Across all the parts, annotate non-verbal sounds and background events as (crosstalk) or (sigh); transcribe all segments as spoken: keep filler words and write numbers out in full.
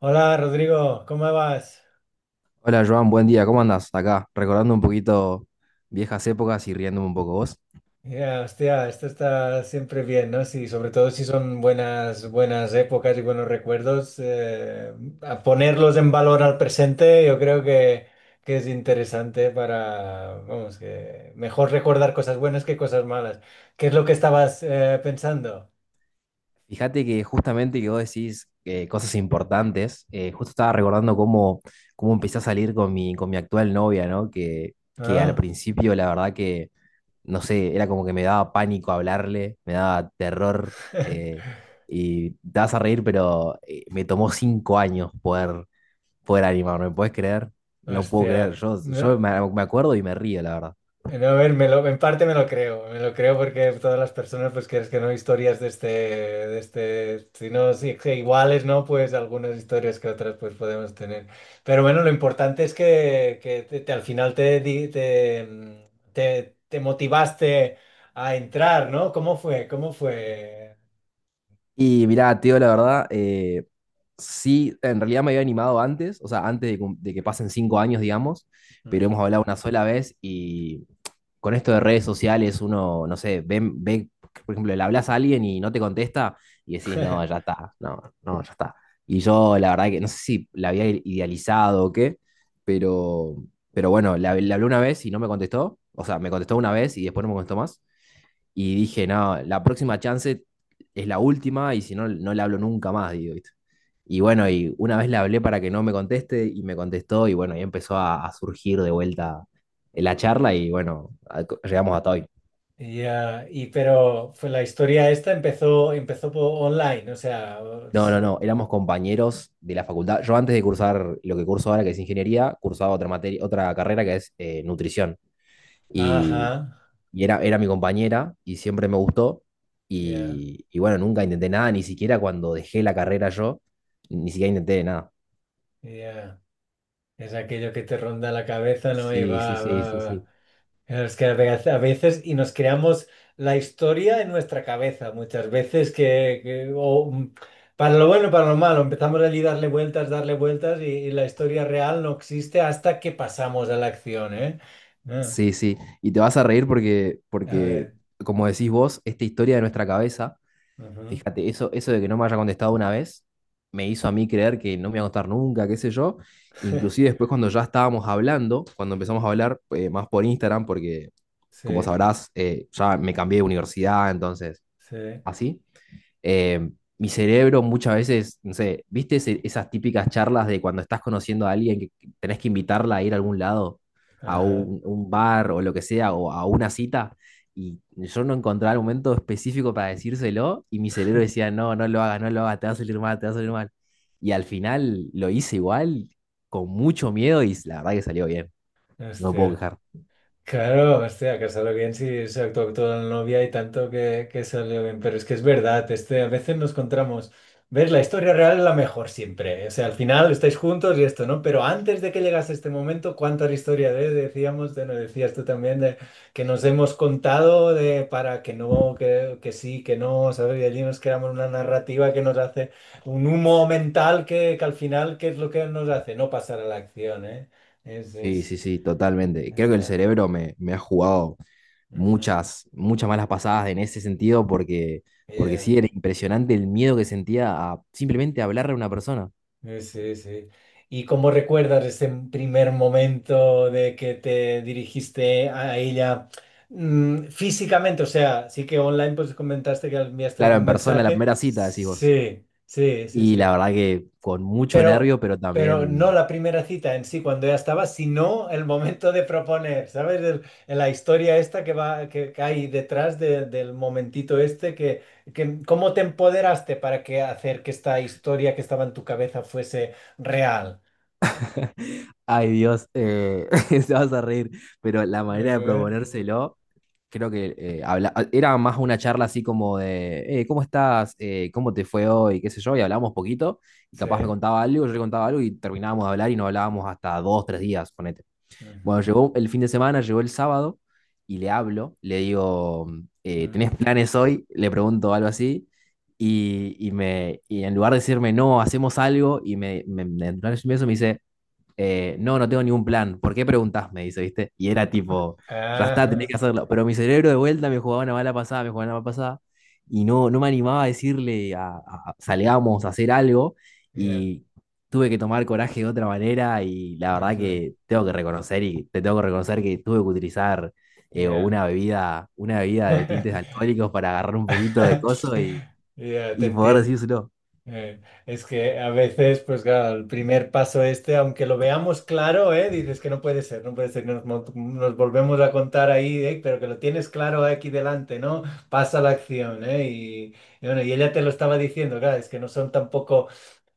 Hola Rodrigo, ¿cómo vas? Hola Joan, buen día, ¿cómo andas? Acá, recordando un poquito viejas épocas y riéndome un poco vos. Ya, hostia, esto está siempre bien, ¿no? Sí, sobre todo si son buenas, buenas épocas y buenos recuerdos, eh, a ponerlos en valor al presente, yo creo que, que es interesante para, vamos, que mejor recordar cosas buenas que cosas malas. ¿Qué es lo que estabas eh, pensando? Fíjate que justamente que vos decís eh, cosas importantes. Eh, justo estaba recordando cómo, cómo empecé a salir con mi, con mi actual novia, ¿no? Que, que al Ah, principio, la verdad que, no sé, era como que me daba pánico hablarle, me daba terror. Eh, y te vas a reír, pero eh, me tomó cinco años poder, poder animarme. ¿Puedes creer? (laughs) No puedo creer, hostia. yo, yo No. me me acuerdo y me río, la verdad. No, a ver, me lo, en parte me lo creo, me lo creo porque todas las personas, pues quieres que no, historias de este, de este, si no, si que iguales, ¿no? Pues algunas historias que otras, pues podemos tener. Pero bueno, lo importante es que, que te- te- al final te, di- te, mm, te, te motivaste a entrar, ¿no? ¿Cómo fue? ¿Cómo fue? Y mirá, tío, la verdad, eh, sí, en realidad me había animado antes, o sea, antes de, cum- de que pasen cinco años, digamos, pero hemos Ujú. hablado una sola vez y, con esto de redes sociales, uno, no sé, ve, ve, por ejemplo, le hablas a alguien y no te contesta y decís, no, ya (laughs) está, no, no, ya está. Y yo, la verdad que no sé si la había idealizado o qué, pero, pero bueno, le, hab- le hablé una vez y no me contestó. O sea, me contestó una vez y después no me contestó más. Y dije, no, la próxima chance es la última y, si no, no le hablo nunca más, digo, ¿viste? Y bueno, y una vez le hablé para que no me conteste y me contestó y, bueno, y empezó a, a surgir de vuelta la charla y, bueno, a- llegamos hasta hoy. Ya, y pero fue la historia esta empezó, empezó po- online, o sea, No, os- no, no, éramos compañeros de la facultad. Yo, antes de cursar lo que curso ahora, que es ingeniería, cursaba otra materia, otra carrera que es eh, nutrición. ajá, Y y era, era mi compañera y siempre me gustó. ya, Y, y bueno, nunca intenté nada, ni siquiera cuando dejé la carrera yo. Ni siquiera intenté nada. ya. Es aquello que te ronda la cabeza, ¿no? Y Sí, sí, va, sí, va, sí, va. sí. Es que a vez- a veces, y nos creamos la historia en nuestra cabeza, muchas veces que, que- o, mm, para lo bueno y para lo malo, empezamos allí a darle vueltas, darle vueltas, y, y la historia real no existe hasta que pasamos a la acción, ¿eh? Ah, Sí, sí. Y te vas a reír porque, a porque, ver. como decís vos, esta historia de nuestra cabeza, Ujú. fíjate, eso, eso de que no me haya contestado una vez, me hizo a mí creer que no me iba a contestar nunca, qué sé yo. Inclusive (laughs) después, cuando ya estábamos hablando, cuando empezamos a hablar eh, más por Instagram, porque, como Sí, sabrás, eh, ya me cambié de universidad, entonces, sí. así. Eh, mi cerebro, muchas veces, no sé, ¿viste ese- esas típicas charlas de cuando estás conociendo a alguien que tenés que invitarla a ir a algún lado, a Ajá. un, un bar o lo que sea, o a una cita? Y yo no encontraba el momento específico para decírselo, y mi cerebro decía, no, no lo hagas, no lo hagas, te va a salir mal, te va a salir mal. Y al final lo hice igual, con mucho miedo, y la verdad que salió bien, no me puedo Hostia. quejar. Claro, hostia, casarlo bien si se actuó toda la novia y tanto que, que salió bien. Pero es que es verdad, este, a veces nos encontramos. ¿Ves? La historia real es la mejor siempre. O sea, al final estáis juntos y esto, ¿no? Pero antes de que llegase este momento, ¿cuánta historia de, decíamos, de, no decías tú también, de que nos hemos contado de para que no, que, que sí, que no, ¿sabes? Y allí nos creamos una narrativa que nos hace un humo mental que, que al final, ¿qué es lo que nos hace? No pasar a la acción, ¿eh? Es, Sí, sí, es, sí, totalmente. Creo es- que el cerebro me, me ha jugado ujú. muchas, muchas malas pasadas en ese sentido, porque, porque Yeah, sí era impresionante el miedo que sentía a simplemente hablarle a una persona. eh, sí, sí. ¿Y cómo recuerdas ese primer momento de que te dirigiste a ella mm, físicamente? O sea, sí que online pues comentaste que enviaste Claro, algún en persona, la mensaje. primera cita, decís vos. Sí, sí, sí, Y la sí. verdad que con mucho Pero, nervio, pero pero no también, la primera cita en sí cuando ya estaba, sino el momento de proponer, ¿sabes? El- el- la historia esta que va, que, que hay detrás de- del momentito este, que, que cómo te empoderaste para que hacer que esta historia que estaba en tu cabeza fuese real. ay Dios, eh, (laughs) se vas a reír, pero la A manera de ver, proponérselo, creo que eh, habla- era más una charla así como de, "Eh, ¿cómo estás? Eh, ¿cómo te fue hoy? ¿Qué sé yo?" Y hablábamos poquito, y sí. capaz me contaba algo, yo le contaba algo, y terminábamos de hablar y no hablábamos hasta dos, tres días, ponete. Bueno, Ujú, llegó el fin de semana, llegó el sábado, y le hablo, le digo, eh, ujú. ¿tenés planes hoy? Le pregunto algo así y, y me, y en lugar de decirme, no, hacemos algo, y me, me, me, en plan de eso me dice, eh, no, no tengo ningún plan, ¿por qué preguntás? Me dice, ¿viste? Y era tipo, ya está, tenés Ah, que hacerlo. Pero mi cerebro, de vuelta, me jugaba una mala pasada, me jugaba una mala pasada, y no, no me animaba a decirle, a, a- salgamos a hacer algo. yeah, Y tuve que tomar coraje de otra manera, y la verdad ujú, que tengo que reconocer, y te tengo que reconocer que tuve que utilizar eh, yeah. una bebida, una bebida de tintes (laughs) alcohólicos, para agarrar un poquito de coso, y, Ya, te y poder entiendo. decírselo. Eh, es que a veces, pues claro, el primer paso este, aunque lo veamos claro, ¿eh? Dices que no puede ser, no puede ser, nos, mo- nos volvemos a contar ahí, ¿eh? Pero que lo tienes claro aquí delante, ¿no? Pasa la acción, ¿eh? Y, y bueno, y ella te lo estaba diciendo, claro, es que no son tampoco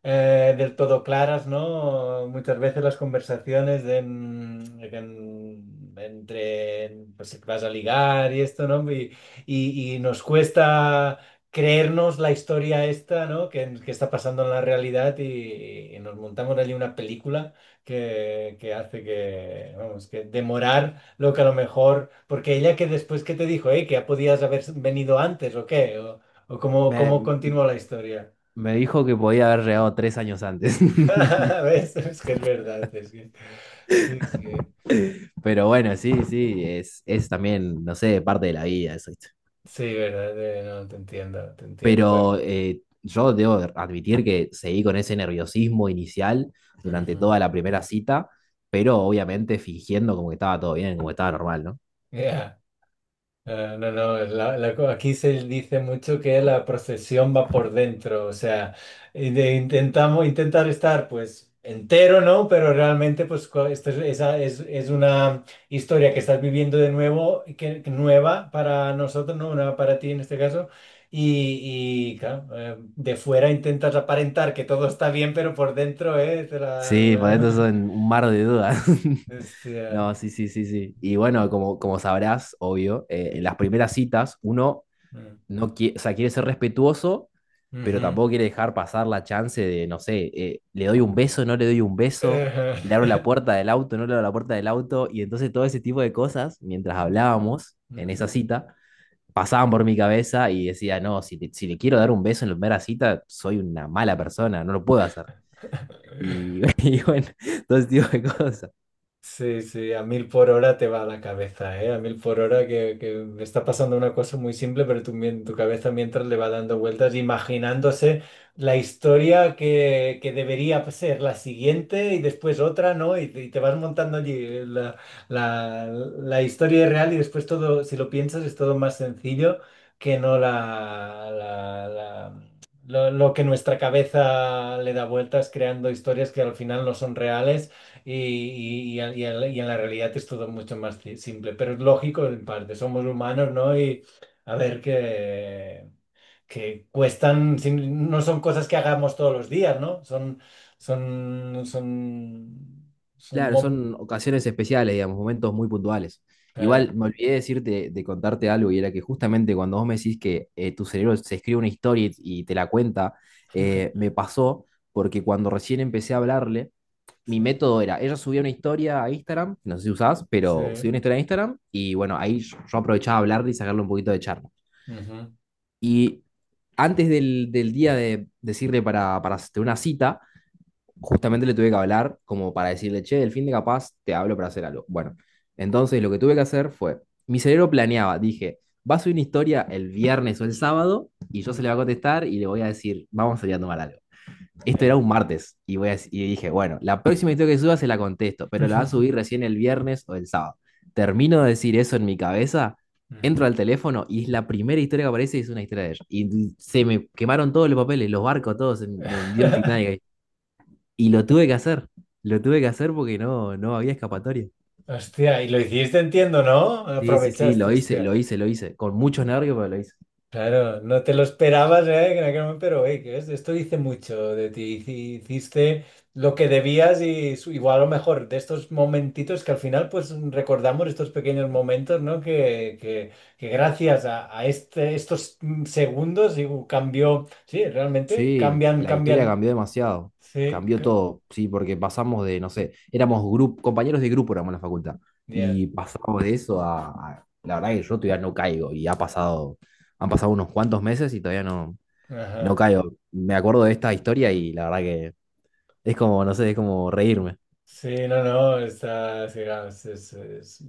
eh, del todo claras, ¿no? Muchas veces las conversaciones de, mm, de que, mm, entre, pues que vas a ligar y esto, ¿no? Y, y- y nos cuesta creernos la historia esta, ¿no? Que, que está pasando en la realidad y, y nos montamos allí una película que, que hace que, vamos, que demorar lo que a lo mejor, porque ella que después que te dijo, eh, que ya podías haber venido antes o qué, o, o cómo, Me, cómo continúa la historia. me dijo que podía haber llegado tres años antes. (laughs) (laughs) ¿Ves? Es que es verdad, es que... Sí, sí, Pero bueno, sí, sí, es, es también, no sé, parte de la vida eso, ¿viste? sí, verdad, eh, no, te entiendo, te entiendo, bueno. Pero eh, yo debo admitir que seguí con ese nerviosismo inicial durante Ajá. toda la primera cita, pero obviamente fingiendo como que estaba todo bien, como que estaba normal, ¿no? Ya. Eh, no, no, la- la- co- aquí se dice mucho que la procesión va por dentro, o sea, y de- intentamos intentar estar pues entero, ¿no? Pero realmente pues cua- esto es, esa es, es una historia que estás viviendo de nuevo, y que, que nueva para nosotros, ¿no? Nueva para ti en este caso. Y, y, claro, eh, de fuera intentas aparentar que todo está bien, pero por dentro, ¿eh? Te la- Sí, por eso la- son un mar de dudas. (laughs) (laughs) Hostia. No, sí, sí, sí, sí. Y bueno, como, como sabrás, obvio, eh, en Sí. las primeras citas, uno Mm. no quiere, o sea, quiere ser respetuoso, pero Ujú. tampoco quiere dejar pasar la chance de, no sé, eh, le doy un beso, no le doy un beso, le abro la (laughs) puerta del auto, no le abro la puerta del auto. Y entonces, todo ese tipo de cosas, mientras hablábamos en esa Ujú. cita, pasaban por mi cabeza, y decía, no, si, te- si le quiero dar un beso en la primera cita, soy una mala persona, no lo puedo hacer. Y, (laughs) y bueno, todo ese tipo de cosas. Sí, sí, a mil por hora te va la cabeza, ¿eh? A mil por hora que, que me está pasando una cosa muy simple, pero tu, mien- tu cabeza mientras le va dando vueltas, imaginándose la historia que, que debería ser la siguiente y después otra, ¿no? Y, te y te vas montando allí la, la, la historia real y después todo, si lo piensas, es todo más sencillo que no la, la- la- lo lo que nuestra cabeza le da vueltas creando historias que al final no son reales y, y- y y en la y en la realidad es todo mucho más ci- simple, pero es lógico en parte, somos humanos, ¿no? Y a ver que, que cuestan, sin- no son cosas que hagamos todos los días, ¿no? Son, son, son, son, Claro, mom- son ocasiones especiales, digamos, momentos muy puntuales. claro. Igual me olvidé decirte, de contarte algo, y era que justamente cuando vos me decís que eh, tu cerebro se escribe una historia y, y te la cuenta, eh, me (laughs) pasó porque, cuando recién empecé a hablarle, mi Sí, método era: ella subía una historia a Instagram, no sé si usás, pero subía sí. una historia a Instagram, y bueno, ahí yo yo aprovechaba hablarle y sacarle un poquito de charla. Ujú, Y antes del, del día de decirle para, para hacer una cita, justamente le tuve que hablar como para decirle, che, el fin de capaz te hablo para hacer algo. Bueno, entonces lo que tuve que hacer fue, mi cerebro planeaba, dije, va a subir una historia el viernes o el sábado, y yo se le mm, voy a contestar y le voy a decir, vamos a salir a tomar algo. Esto era eh. un martes y, voy a- y dije, bueno, la próxima historia que suba se la contesto, pero la va a (laughs) subir recién el viernes o el sábado. Termino de decir eso en mi cabeza, Mm. entro al teléfono y es la primera historia que aparece, y es una historia de ella. Y se me quemaron todos los papeles, los barcos, todos. Me hundió el Titanic (laughs) ahí. Y lo tuve que hacer, lo tuve que hacer porque no, no había escapatoria. Hostia, y lo hiciste, entiendo, ¿no? Sí, sí, sí, Aprovechaste, lo hice, lo hostia. hice, lo hice. Con muchos nervios, pero lo hice. Claro, no te lo esperabas, ¿eh? En aquel momento, pero hey, que es- esto dice mucho de ti. Hici- Hiciste lo que debías y su- igual a lo mejor de estos momentitos que al final pues recordamos estos pequeños momentos, ¿no? Que, que- que gracias a, a este, estos mm, segundos y uh, cambió, sí, realmente Sí, cambian, la historia cambian, cambió demasiado. sí, Cambió ca- todo, sí, porque pasamos de, no sé, éramos grup- compañeros de grupo, éramos en la facultad. ya. Y pasamos de eso a, a- la verdad que yo todavía no caigo. Y ha pasado, han pasado unos cuantos meses, y todavía no, no Ajá. caigo. Me acuerdo de esta historia y la verdad que es como, no sé, es como reírme. Sí, no, no, está, sí, claro, es, es- es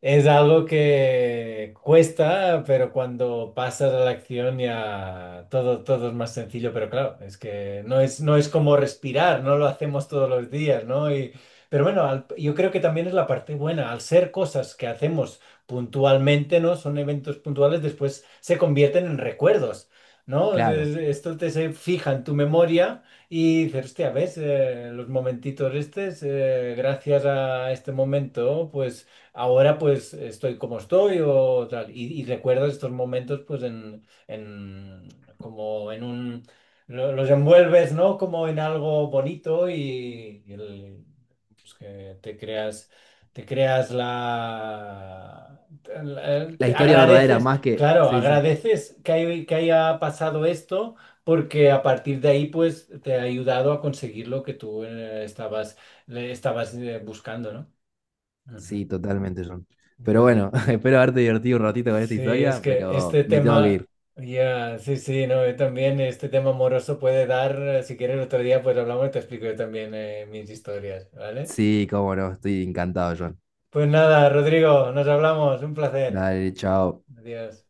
Es algo que cuesta, pero cuando pasas a la acción ya todo, todo es más sencillo, pero claro, es que no es, no es como respirar, no lo hacemos todos los días, ¿no? Y, pero bueno, al- yo creo que también es la parte buena, al ser cosas que hacemos puntualmente, ¿no? Son eventos puntuales, después se convierten en recuerdos, ¿no? Es- Claro. es- Esto te se fija en tu memoria. Y dices, hostia, ¿ves? Eh, los momentitos estos, eh, gracias a este momento, pues ahora pues estoy como estoy o tal. Y, y recuerdo estos momentos pues en, en como en un, lo- los envuelves, ¿no? Como en algo bonito y, y el- pues, que te creas, te creas la, el- La te historia verdadera, agradeces, más que. claro, Sí, sí, agradeces que, hay- que haya pasado esto. Porque a partir de ahí, pues, te ha ayudado a conseguir lo que tú eh, estabas, le estabas eh, buscando, ¿no? Sí, Ujú. totalmente, John. Pero bueno, Vaya. (laughs) espero haberte divertido un ratito con esta Sí, es historia, que pero este me tengo que ir. tema, ya, sí, sí, no, yo también este tema amoroso puede dar, eh, si quieres otro día, pues hablamos y te explico yo también eh, mis historias, ¿vale? Sí, cómo no, estoy encantado, John. Pues nada, Rodrigo, nos hablamos, un placer. Dale, chao. Adiós.